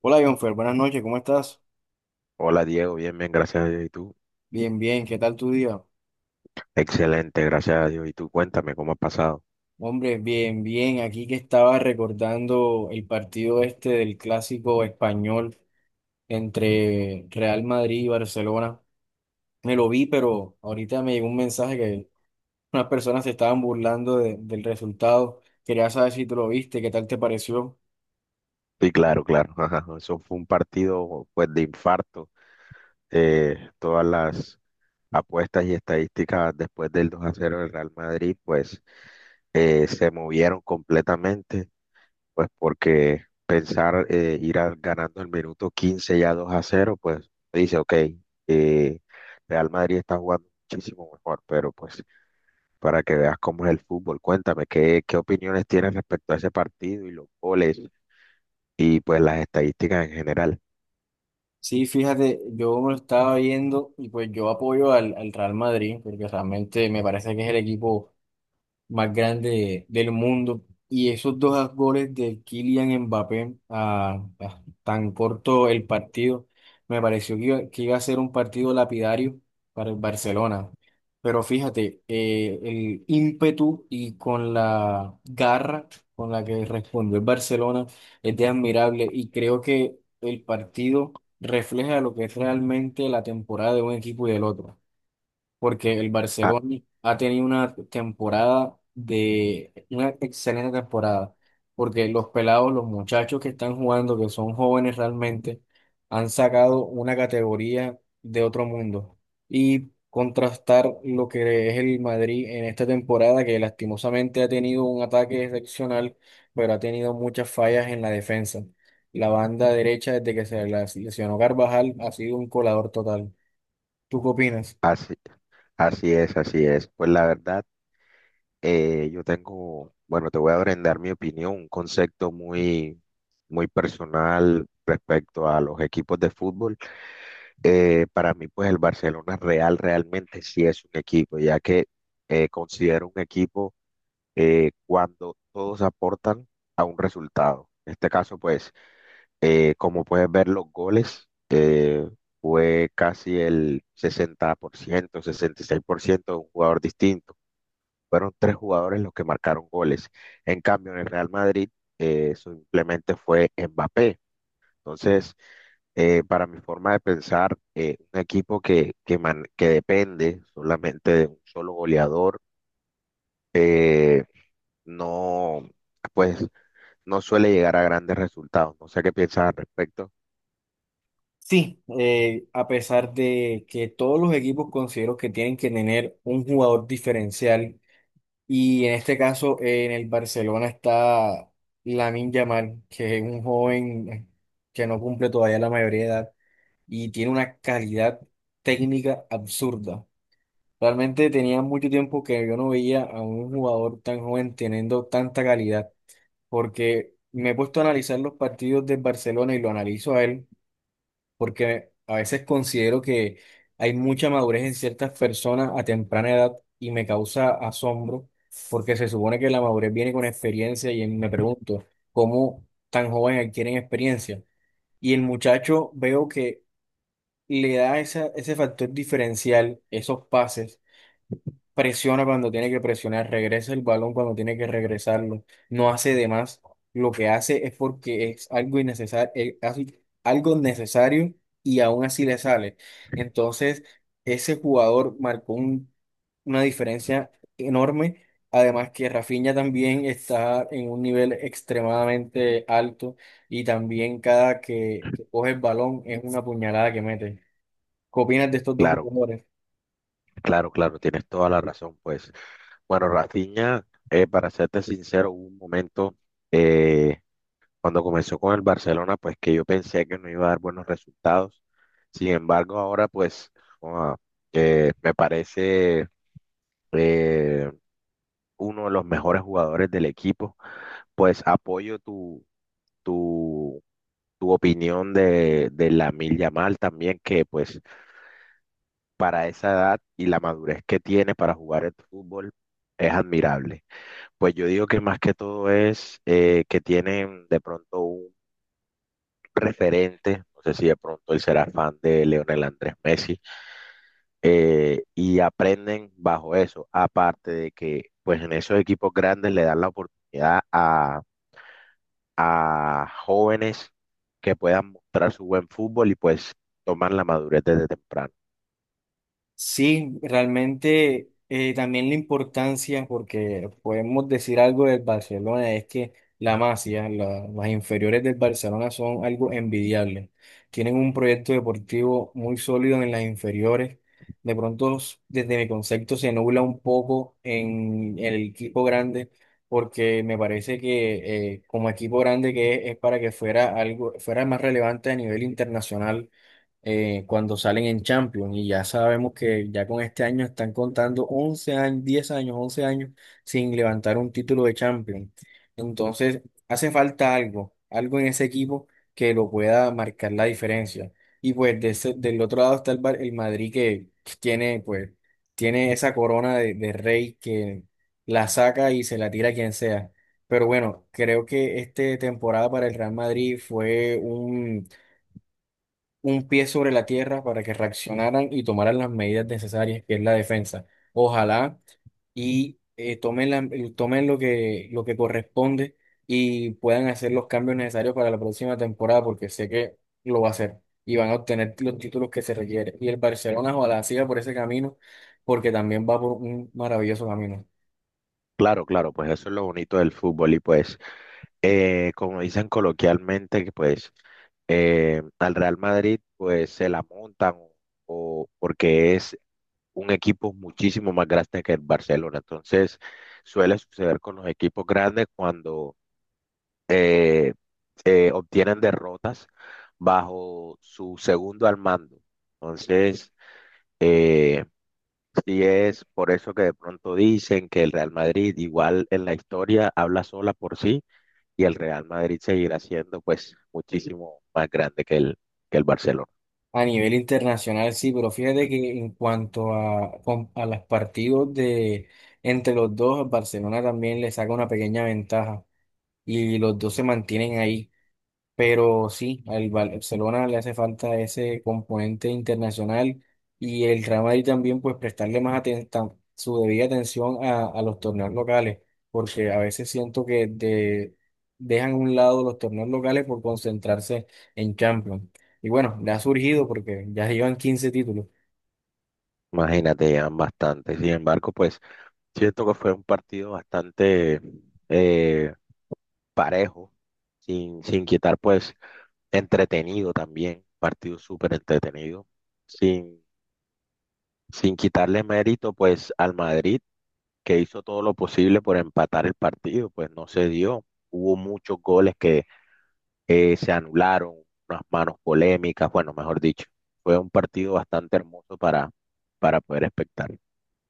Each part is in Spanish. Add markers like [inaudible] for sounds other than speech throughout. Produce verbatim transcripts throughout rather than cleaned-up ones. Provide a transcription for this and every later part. Hola, Jonfer, buenas noches, ¿cómo estás? Hola Diego, bien, bien, gracias a Dios. ¿Y tú? Bien, bien, ¿qué tal tu día? Excelente, gracias a Dios. ¿Y tú? Cuéntame cómo ha pasado. Hombre, bien, bien, aquí que estaba recordando el partido este del clásico español entre Real Madrid y Barcelona. Me lo vi, pero ahorita me llegó un mensaje que unas personas se estaban burlando de- del resultado. Quería saber si tú lo viste, ¿qué tal te pareció? Sí, claro, [laughs] claro. Ajá, eso fue un partido pues de infarto. Eh, todas las apuestas y estadísticas después del dos a cero del Real Madrid pues eh, se movieron completamente, pues porque pensar eh, ir al- ganando el minuto quince ya dos a cero, pues dice ok, eh, Real Madrid está jugando muchísimo mejor, pero pues para que veas cómo es el fútbol. Cuéntame, ¿qué, qué opiniones tienes respecto a ese partido y los goles y pues las estadísticas en general? Sí, fíjate, yo me lo estaba viendo y pues yo apoyo al, al Real Madrid, porque realmente me parece que es el equipo más grande del mundo. Y esos dos goles de Kylian Mbappé a, a tan corto el partido, me pareció que iba, que iba a ser un partido lapidario para el Barcelona. Pero fíjate, eh, el ímpetu y con la garra con la que respondió el Barcelona es de admirable y creo que el partido refleja lo que es realmente la temporada de un equipo y del otro porque el Ah, Barcelona ha tenido una temporada de una excelente temporada, porque los pelados, los muchachos que están jugando, que son jóvenes realmente, han sacado una categoría de otro mundo. Y contrastar lo que es el Madrid en esta temporada, que lastimosamente ha tenido un ataque excepcional, pero ha tenido muchas fallas en la defensa. La banda derecha, desde que se las lesionó Carvajal, ha sido un colador total. ¿Tú qué opinas? así, así es, así es. Pues la verdad, eh, yo tengo, bueno, te voy a brindar mi opinión, un concepto muy, muy personal respecto a los equipos de fútbol. Eh, para mí, pues el Barcelona Real realmente sí es un equipo, ya que eh, considero un equipo eh, cuando todos aportan a un resultado. En este caso, pues Eh, como puedes ver, los goles eh, fue casi el sesenta por ciento, sesenta y seis por ciento de un jugador distinto. Fueron tres jugadores los que marcaron goles. En cambio, en el Real Madrid eh, simplemente fue Mbappé. Entonces, eh, para mi forma de pensar, eh, un equipo que, que, man- que depende solamente de un solo goleador, eh, no, pues, no suele llegar a grandes resultados. No sé qué piensas al respecto. Sí, eh, a pesar de que todos los equipos considero que tienen que tener un jugador diferencial y en este caso eh, en el Barcelona está Lamine Yamal, que es un joven que no cumple todavía la mayoría de edad y tiene una calidad técnica absurda. Realmente tenía mucho tiempo que yo no veía a un jugador tan joven teniendo tanta calidad, porque me he puesto a analizar los partidos del Barcelona y lo analizo a él porque a veces considero que hay mucha madurez en ciertas personas a temprana edad y me causa asombro, porque se supone que la madurez viene con experiencia y me pregunto, ¿cómo tan joven adquieren experiencia? Y el muchacho veo que le da esa, ese factor diferencial, esos pases presiona cuando tiene que presionar, regresa el balón cuando tiene que regresarlo, no hace de más. Lo que hace es porque es algo innecesario, algo necesario y aún así le sale. Entonces, ese jugador marcó un- una diferencia enorme. Además que Rafinha también está en un nivel extremadamente alto y también cada que, que coge el balón es una puñalada que mete. ¿Qué opinas de estos dos Claro. jugadores? Claro, claro, tienes toda la razón, pues. Bueno, Rafinha, eh, para serte sincero, hubo un momento eh, cuando comenzó con el Barcelona, pues que yo pensé que no iba a dar buenos resultados. Sin embargo, ahora pues ah, eh, me parece eh, uno de los mejores jugadores del equipo. Pues apoyo tu, tu, tu opinión de, de Lamine Yamal también, que pues para esa edad y la madurez que tiene para jugar el fútbol es admirable. Pues yo digo que más que todo es eh, que tienen de pronto un referente, no sé si de pronto él será fan de Leonel Andrés Messi, eh, y aprenden bajo eso, aparte de que pues en esos equipos grandes le dan la oportunidad a, a jóvenes que puedan mostrar su buen fútbol y pues tomar la madurez desde temprano. Sí, realmente eh, también la importancia, porque podemos decir algo del Barcelona, es que la Masia, la- las inferiores del Barcelona son algo envidiable. Tienen un proyecto deportivo muy sólido en las inferiores. De pronto, s- desde mi concepto, se nubla un poco en el equipo grande, porque me parece que eh, como equipo grande que es, es para que fuera algo, fuera más relevante a nivel internacional eh, cuando salen en Champions. Y ya sabemos que ya con este año están contando once años, diez años, once años sin levantar un título de Champions. Entonces, hace falta algo, algo en ese equipo que lo pueda marcar la diferencia. Y pues de ese- del otro lado está el, Bar- el Madrid que tiene, pues, tiene esa corona de, de rey que la saca y se la tira a quien sea. Pero bueno, creo que esta temporada para el Real Madrid fue un pie sobre la tierra para que reaccionaran y tomaran las medidas necesarias, que es la defensa. Ojalá y eh, tomen, la- eh, tomen lo que, lo que corresponde y puedan hacer los cambios necesarios para la próxima temporada, porque sé que lo va a hacer y van a obtener los títulos que se requieren. Y el Barcelona ojalá siga por ese camino, porque también va por un maravilloso camino. Claro, claro, pues eso es lo bonito del fútbol y pues... eh, como dicen coloquialmente, que pues eh, al Real Madrid pues se la montan o, o porque es un equipo muchísimo más grande que el Barcelona. Entonces suele suceder con los equipos grandes cuando eh, eh, obtienen derrotas bajo su segundo al mando. Entonces, eh, sí es por eso que de pronto dicen que el Real Madrid igual en la historia habla sola por sí y el Real Madrid seguirá siendo pues muchísimo más grande que el, que el Barcelona. A nivel internacional, sí, pero fíjate que en cuanto a, con- a los partidos de entre los dos, Barcelona también le saca una pequeña ventaja y los dos se mantienen ahí. Pero sí, al Val- Barcelona le hace falta ese componente internacional y el Real Madrid también, pues prestarle más atención, su debida atención a, a los torneos locales, porque a veces siento que de- dejan a un lado los torneos locales por concentrarse en Champions. Y bueno, le ha surgido porque ya llevan quince títulos. Imagínate, llevan bastante. Sin embargo, pues siento que fue un partido bastante eh, parejo, sin, sin quitar pues entretenido también, partido súper entretenido, sin, sin quitarle mérito pues al Madrid, que hizo todo lo posible por empatar el partido, pues no se dio. Hubo muchos goles que eh, se anularon unas manos polémicas, bueno, mejor dicho, fue un partido bastante hermoso para, para poder espectar.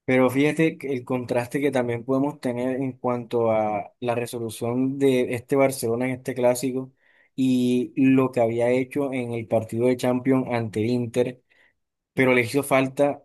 Pero fíjate que el contraste que también podemos tener en cuanto a la resolución de este Barcelona en este clásico y lo que había hecho en el partido de Champions ante el Inter pero le hizo falta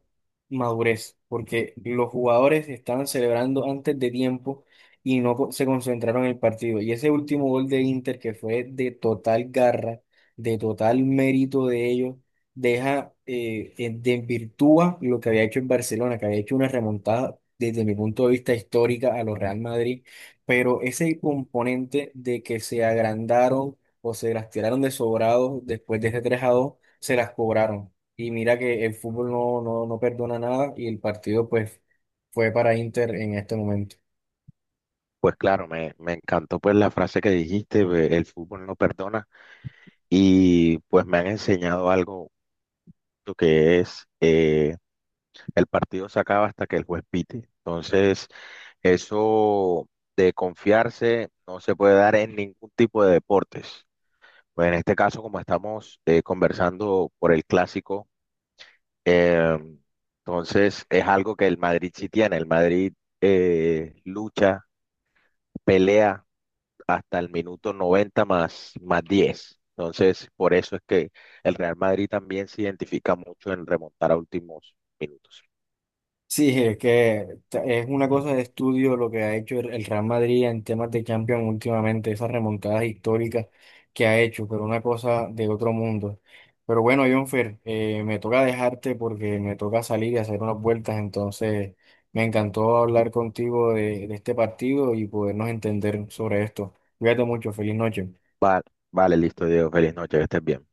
madurez, porque los jugadores estaban celebrando antes de tiempo y no co- se concentraron en el partido. Y ese último gol de Inter, que fue de total garra, de total mérito de ellos, deja, eh, eh, desvirtúa lo que había hecho en Barcelona, que había hecho una remontada desde mi punto de vista histórica a los Real Madrid, pero ese componente de que se agrandaron o se las tiraron de sobrados después de ese tres a dos se las cobraron. Y mira que el fútbol no, no, no perdona nada y el partido pues fue para Inter en este momento. Pues claro, me, me encantó pues la frase que dijiste, eh, el fútbol no perdona, y pues me han enseñado algo lo que es eh, el partido se acaba hasta que el juez pite. Entonces, eso de confiarse no se puede dar en ningún tipo de deportes. Pues en este caso, como estamos eh, conversando por el clásico, Eh, entonces, es algo que el Madrid sí tiene. El Madrid eh, lucha, pelea hasta el minuto noventa más, más diez. Entonces, por eso es que el Real Madrid también se identifica mucho en remontar a últimos minutos. Sí, es que ta- es una cosa de estudio lo que ha hecho el el Real Madrid en temas de Champions últimamente, esas remontadas históricas que ha hecho, pero una cosa de otro mundo. Pero bueno, Jonfer, eh, me toca dejarte porque me toca salir y hacer unas vueltas, entonces me encantó hablar contigo de, de este partido y podernos entender sobre esto. Cuídate mucho, feliz noche. Vale, vale, listo, Diego. Feliz noche, que estés bien.